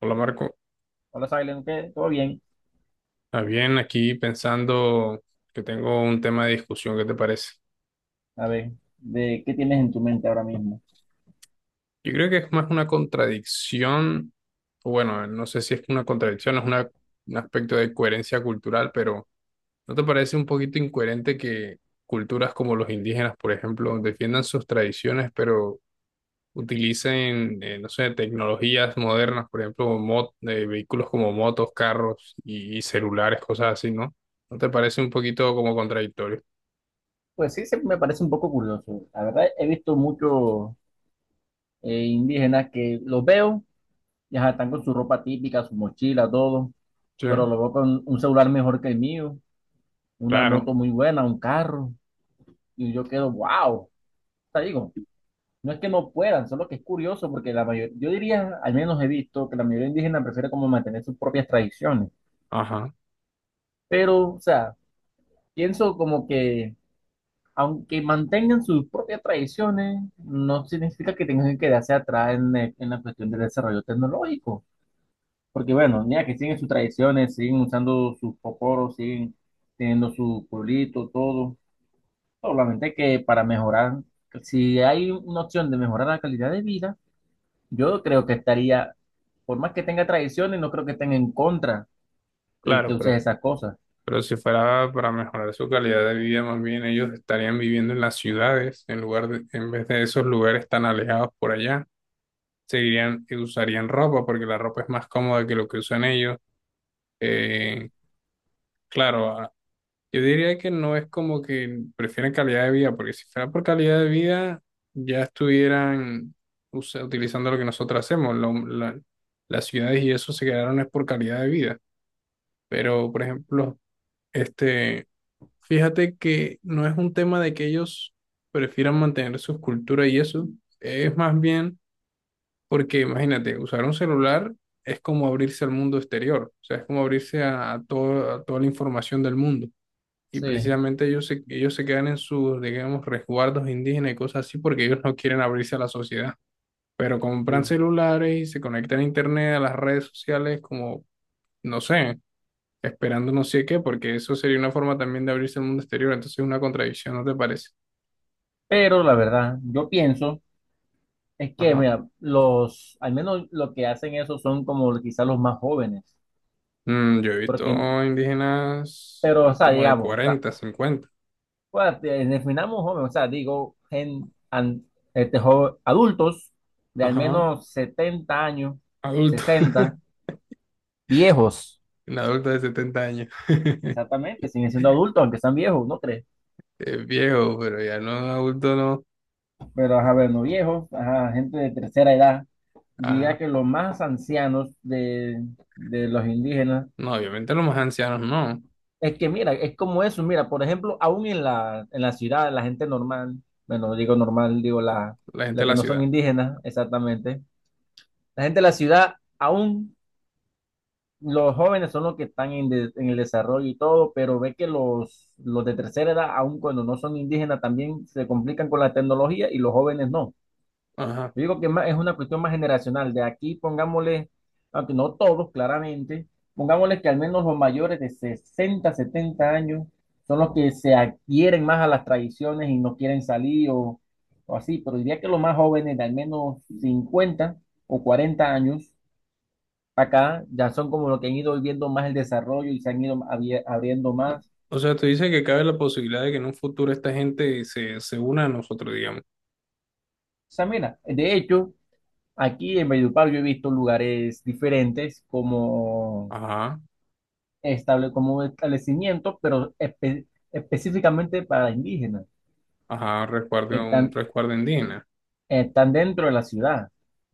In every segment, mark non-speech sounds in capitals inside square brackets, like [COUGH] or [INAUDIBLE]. Hola, Marco. Hola, Silent, ¿qué? ¿Todo bien? Bien, aquí pensando que tengo un tema de discusión. ¿Qué te parece? A ver, ¿de qué tienes en tu mente ahora mismo? Yo creo que es más una contradicción, o bueno, no sé si es una contradicción, es una- un aspecto de coherencia cultural, pero ¿no te parece un poquito incoherente que culturas como los indígenas, por ejemplo, defiendan sus tradiciones, pero utilicen, no sé, tecnologías modernas, por ejemplo, vehículos como motos, carros y celulares, cosas así, ¿no? ¿No te parece un poquito como contradictorio? Pues sí, siempre me parece un poco curioso. La verdad, he visto muchos indígenas que los veo, y ajá, están con su ropa típica, su mochila, todo, Sí. pero los veo con un celular mejor que el mío, una Claro, moto muy buena, un carro, y yo quedo, wow. Te digo, no es que no puedan, solo que es curioso porque la mayoría, yo diría, al menos he visto que la mayoría indígena prefiere como mantener sus propias tradiciones, ajá, pero, o sea, pienso como que aunque mantengan sus propias tradiciones, no significa que tengan que quedarse atrás en la cuestión del desarrollo tecnológico. Porque bueno, ya que siguen sus tradiciones, siguen usando sus poporos, siguen teniendo su pueblito, todo. Solamente que para mejorar, si hay una opción de mejorar la calidad de vida, yo creo que estaría, por más que tenga tradiciones, no creo que estén en contra de que claro, uses esas cosas. pero si fuera para mejorar su calidad de vida, más bien ellos estarían viviendo en las ciudades, en lugar de, en vez de esos lugares tan alejados por allá, seguirían, usarían ropa, porque la ropa es más cómoda que lo que usan ellos. Eh, claro, a- yo diría que no es como que prefieren calidad de vida, porque si fuera por calidad de vida, ya estuvieran usa- utilizando lo que nosotros hacemos, lo- la- las ciudades y eso se quedaron es por calidad de vida. Pero, por ejemplo, este, fíjate que no es un tema de que ellos prefieran mantener su cultura y eso, es más bien porque imagínate, usar un celular es como abrirse al mundo exterior, o sea, es como abrirse a todo- a toda la información del mundo. Y Sí. precisamente ellos se quedan en sus, digamos, resguardos indígenas y cosas así porque ellos no quieren abrirse a la sociedad. Pero Sí. compran celulares y se conectan a internet, a las redes sociales, como, no sé, esperando no sé qué, porque eso sería una forma también de abrirse al mundo exterior, entonces es una contradicción, ¿no te parece? Pero la verdad, yo pienso. Es que, Ajá. mira, al menos lo que hacen eso son como quizás los más jóvenes, Mm, yo he porque, visto indígenas pero, o sea, como de digamos, o sea, 40 50. pues, definamos jóvenes, o sea, digo, este, adultos de al Ajá, menos 70 años, adultos. [LAUGHS] 60 viejos, Un adulto de 70 años. [LAUGHS] exactamente, siguen siendo adultos, aunque sean viejos, ¿no crees? Es viejo, pero ya no, adulto no. Pero, ajá, bueno, no viejos, ajá, gente de tercera edad, Ajá, diría que los más ancianos de los indígenas. no, obviamente los más ancianos no. Es que mira, es como eso, mira, por ejemplo, aún en la ciudad, la gente normal, bueno, digo normal, digo la, La gente de la que la no son ciudad. indígenas, exactamente, la gente de la ciudad, aún los jóvenes son los que están en el desarrollo y todo, pero ve que los de tercera edad, aún cuando no son indígenas, también se complican con la tecnología y los jóvenes no. Ajá. Yo digo que es una cuestión más generacional. De aquí pongámosle, aunque no todos, claramente, pongámosle que al menos los mayores de 60 70 años son los que se adquieren más a las tradiciones y no quieren salir o así. Pero diría que los más jóvenes de al menos 50 o 40 años acá ya son como los que han ido viviendo más el desarrollo y se han ido abriendo O más. o sea, tú dices que cabe la posibilidad de que en un futuro esta gente se, se una a nosotros, digamos. O sea, mira, de hecho, aquí en Valledupar yo he visto lugares diferentes como Ajá, estable, como establecimientos, pero específicamente para indígenas. ajá, resguardo, un Están, resguardo indígena. están dentro de la ciudad.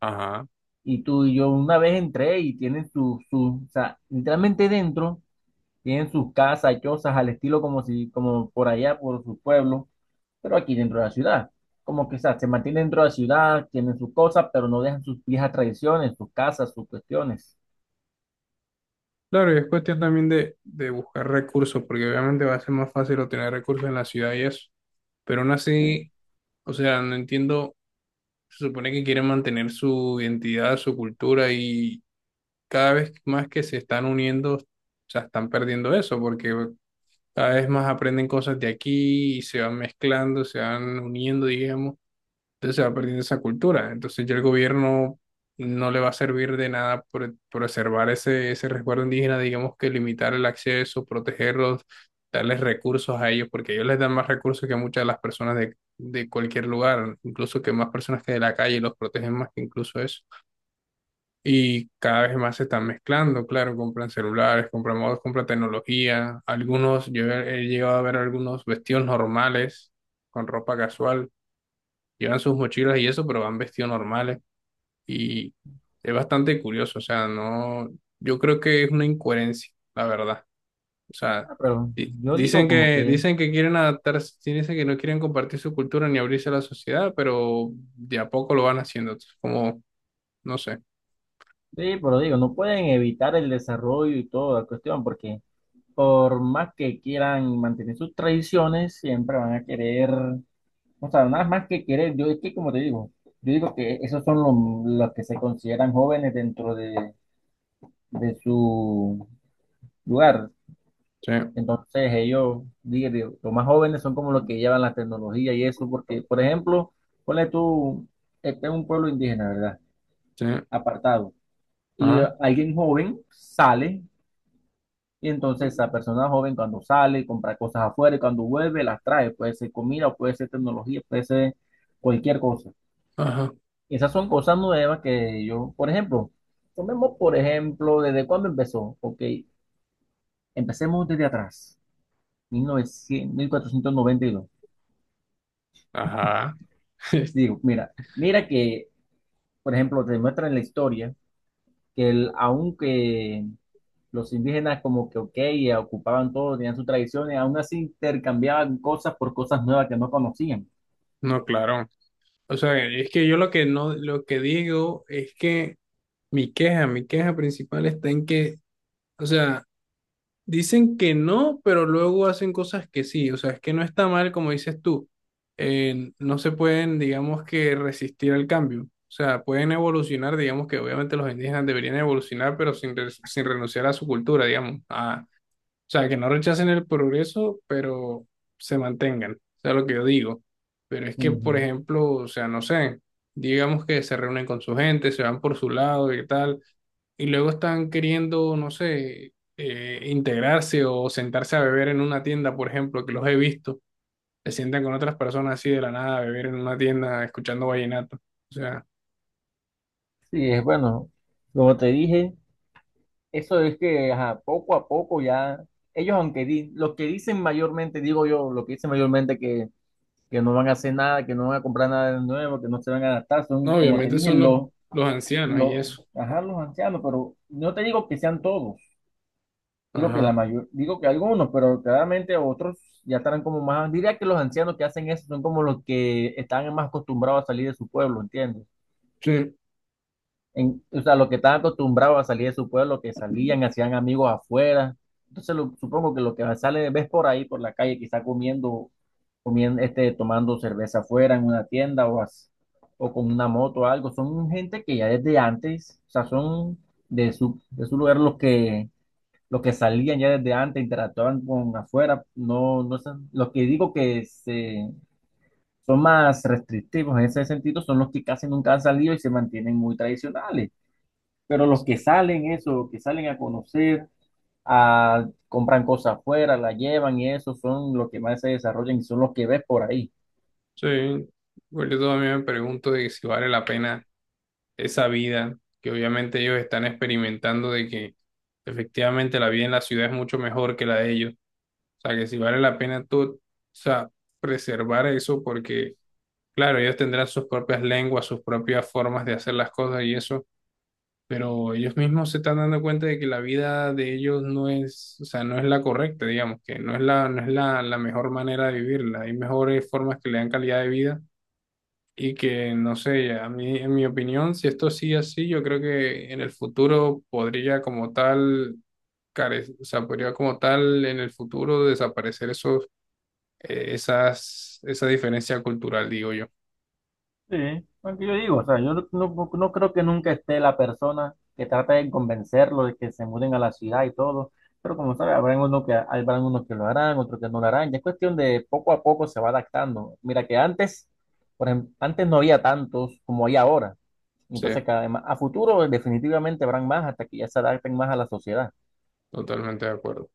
Ajá. Y tú y yo una vez entré y tienen sus, o sea, literalmente dentro, tienen sus casas, chozas, al estilo como si, como por allá, por su pueblo, pero aquí dentro de la ciudad. Como que, o sea, se mantienen dentro de la ciudad, tienen sus cosas, pero no dejan sus viejas tradiciones, sus casas, sus cuestiones. Claro, y es cuestión también de buscar recursos, porque obviamente va a ser más fácil obtener recursos en la ciudad y eso. Pero aún así, o sea, no entiendo, se supone que quieren mantener su identidad, su cultura, y cada vez más que se están uniendo, o sea, están perdiendo eso, porque cada vez más aprenden cosas de aquí y se van mezclando, se van uniendo, digamos. Entonces se va perdiendo esa cultura. Entonces ya el gobierno no le va a servir de nada por preservar ese, ese resguardo indígena, digamos que limitar el acceso, protegerlos, darles recursos a ellos, porque ellos les dan más recursos que muchas de las personas de cualquier lugar, incluso que más personas que de la calle, los protegen más que incluso eso. Y cada vez más se están mezclando, claro, compran celulares, compran modos, compran tecnología. Algunos, yo he llegado a ver algunos vestidos normales con ropa casual, llevan sus mochilas y eso, pero van vestidos normales y es bastante curioso, o sea, no, yo creo que es una incoherencia, la verdad. O sea, Ah, pero yo digo como que, dicen que quieren adaptarse, sí dicen que no quieren compartir su cultura ni abrirse a la sociedad, pero de a poco lo van haciendo, entonces, como, no sé. sí, pero digo, no pueden evitar el desarrollo y toda la cuestión, porque por más que quieran mantener sus tradiciones, siempre van a querer, o sea, nada más que querer, yo es que como te digo, yo digo que esos son los que se consideran jóvenes dentro de su lugar. Sí, Entonces ellos, digo, los más jóvenes son como los que llevan la tecnología y eso, porque, por ejemplo, ponle tú, este es un pueblo indígena, ¿verdad? sí, Apartado. Y ajá, alguien joven sale. Y entonces esa persona joven cuando sale, compra cosas afuera y cuando vuelve las trae. Puede ser comida, puede ser tecnología, puede ser cualquier cosa. ajá, Esas son cosas nuevas que yo, por ejemplo, tomemos por ejemplo, ¿desde cuándo empezó? Ok, empecemos desde atrás, mil mil novecientos mil cuatrocientos noventa y 1492. ajá. [LAUGHS] Digo, mira, mira que, por ejemplo, te muestra en la historia que el, aunque los indígenas como que, ok, ocupaban todo, tenían sus tradiciones, aún así intercambiaban cosas por cosas nuevas que no conocían. No, claro. O sea, es que yo lo que no, lo que digo es que mi queja principal está en que o sea, dicen que no, pero luego hacen cosas que sí. O sea, es que no está mal, como dices tú. No se pueden, digamos que, resistir al cambio. O sea, pueden evolucionar, digamos que obviamente los indígenas deberían evolucionar, pero sin, sin renunciar a su cultura, digamos, a, o sea, que no rechacen el progreso, pero se mantengan. O sea, lo que yo digo. Pero es que, por Ujú. ejemplo, o sea, no sé, digamos que se reúnen con su gente, se van por su lado y tal, y luego están queriendo, no sé, integrarse o sentarse a beber en una tienda, por ejemplo, que los he visto, se sientan con otras personas así de la nada a beber en una tienda escuchando vallenato. O sea, Sí, es bueno, como te dije, eso es que ajá, poco a poco ya, ellos aunque los que dicen mayormente, digo yo, lo que dicen mayormente que no van a hacer nada, que no van a comprar nada de nuevo, que no se van a adaptar, son no, como te obviamente dije, son los ancianos y los, eso. ajá, los ancianos, pero no te digo que sean todos, digo que Ajá. la mayor, digo que algunos, pero claramente otros ya estarán como más, diría que los ancianos que hacen eso son como los que están más acostumbrados a salir de su pueblo, ¿entiendes? Sí. En, o sea, los que estaban acostumbrados a salir de su pueblo, que salían, hacían amigos afuera. Entonces supongo que lo que sale, ves por ahí, por la calle, quizá comiendo, este, tomando cerveza afuera en una tienda o con una moto o algo, son gente que ya desde antes, o sea, son de su lugar los que salían ya desde antes, interactuaban con afuera, no, no son, los que digo que son más restrictivos en ese sentido son los que casi nunca han salido y se mantienen muy tradicionales. Pero los que salen eso, los que salen a conocer, compran cosas afuera, la llevan y eso son los que más se desarrollan y son los que ves por ahí. Sí, pues yo también me pregunto de si vale la pena esa vida que obviamente ellos están experimentando de que efectivamente la vida en la ciudad es mucho mejor que la de ellos. O sea, que si vale la pena tú, o sea, preservar eso porque, claro, ellos tendrán sus propias lenguas, sus propias formas de hacer las cosas y eso, pero ellos mismos se están dando cuenta de que la vida de ellos no es, o sea, no es la correcta, digamos, que no es la, no es la, la mejor manera de vivirla. Hay mejores formas que le dan calidad de vida y que, no sé, a mí, en mi opinión, si esto sigue así, yo creo que en el futuro podría como tal, o sea, podría como tal en el futuro desaparecer esos, esas, esa diferencia cultural, digo yo. Sí, lo que yo digo, o sea, yo no creo que nunca esté la persona que trate de convencerlo de que se muden a la ciudad y todo, pero como sabes, habrán unos que lo harán, otros que no lo harán, ya es cuestión de poco a poco se va adaptando. Mira que antes, por ejemplo, antes no había tantos como hay ahora, Sí, entonces a futuro definitivamente habrán más hasta que ya se adapten más a la sociedad. totalmente de acuerdo.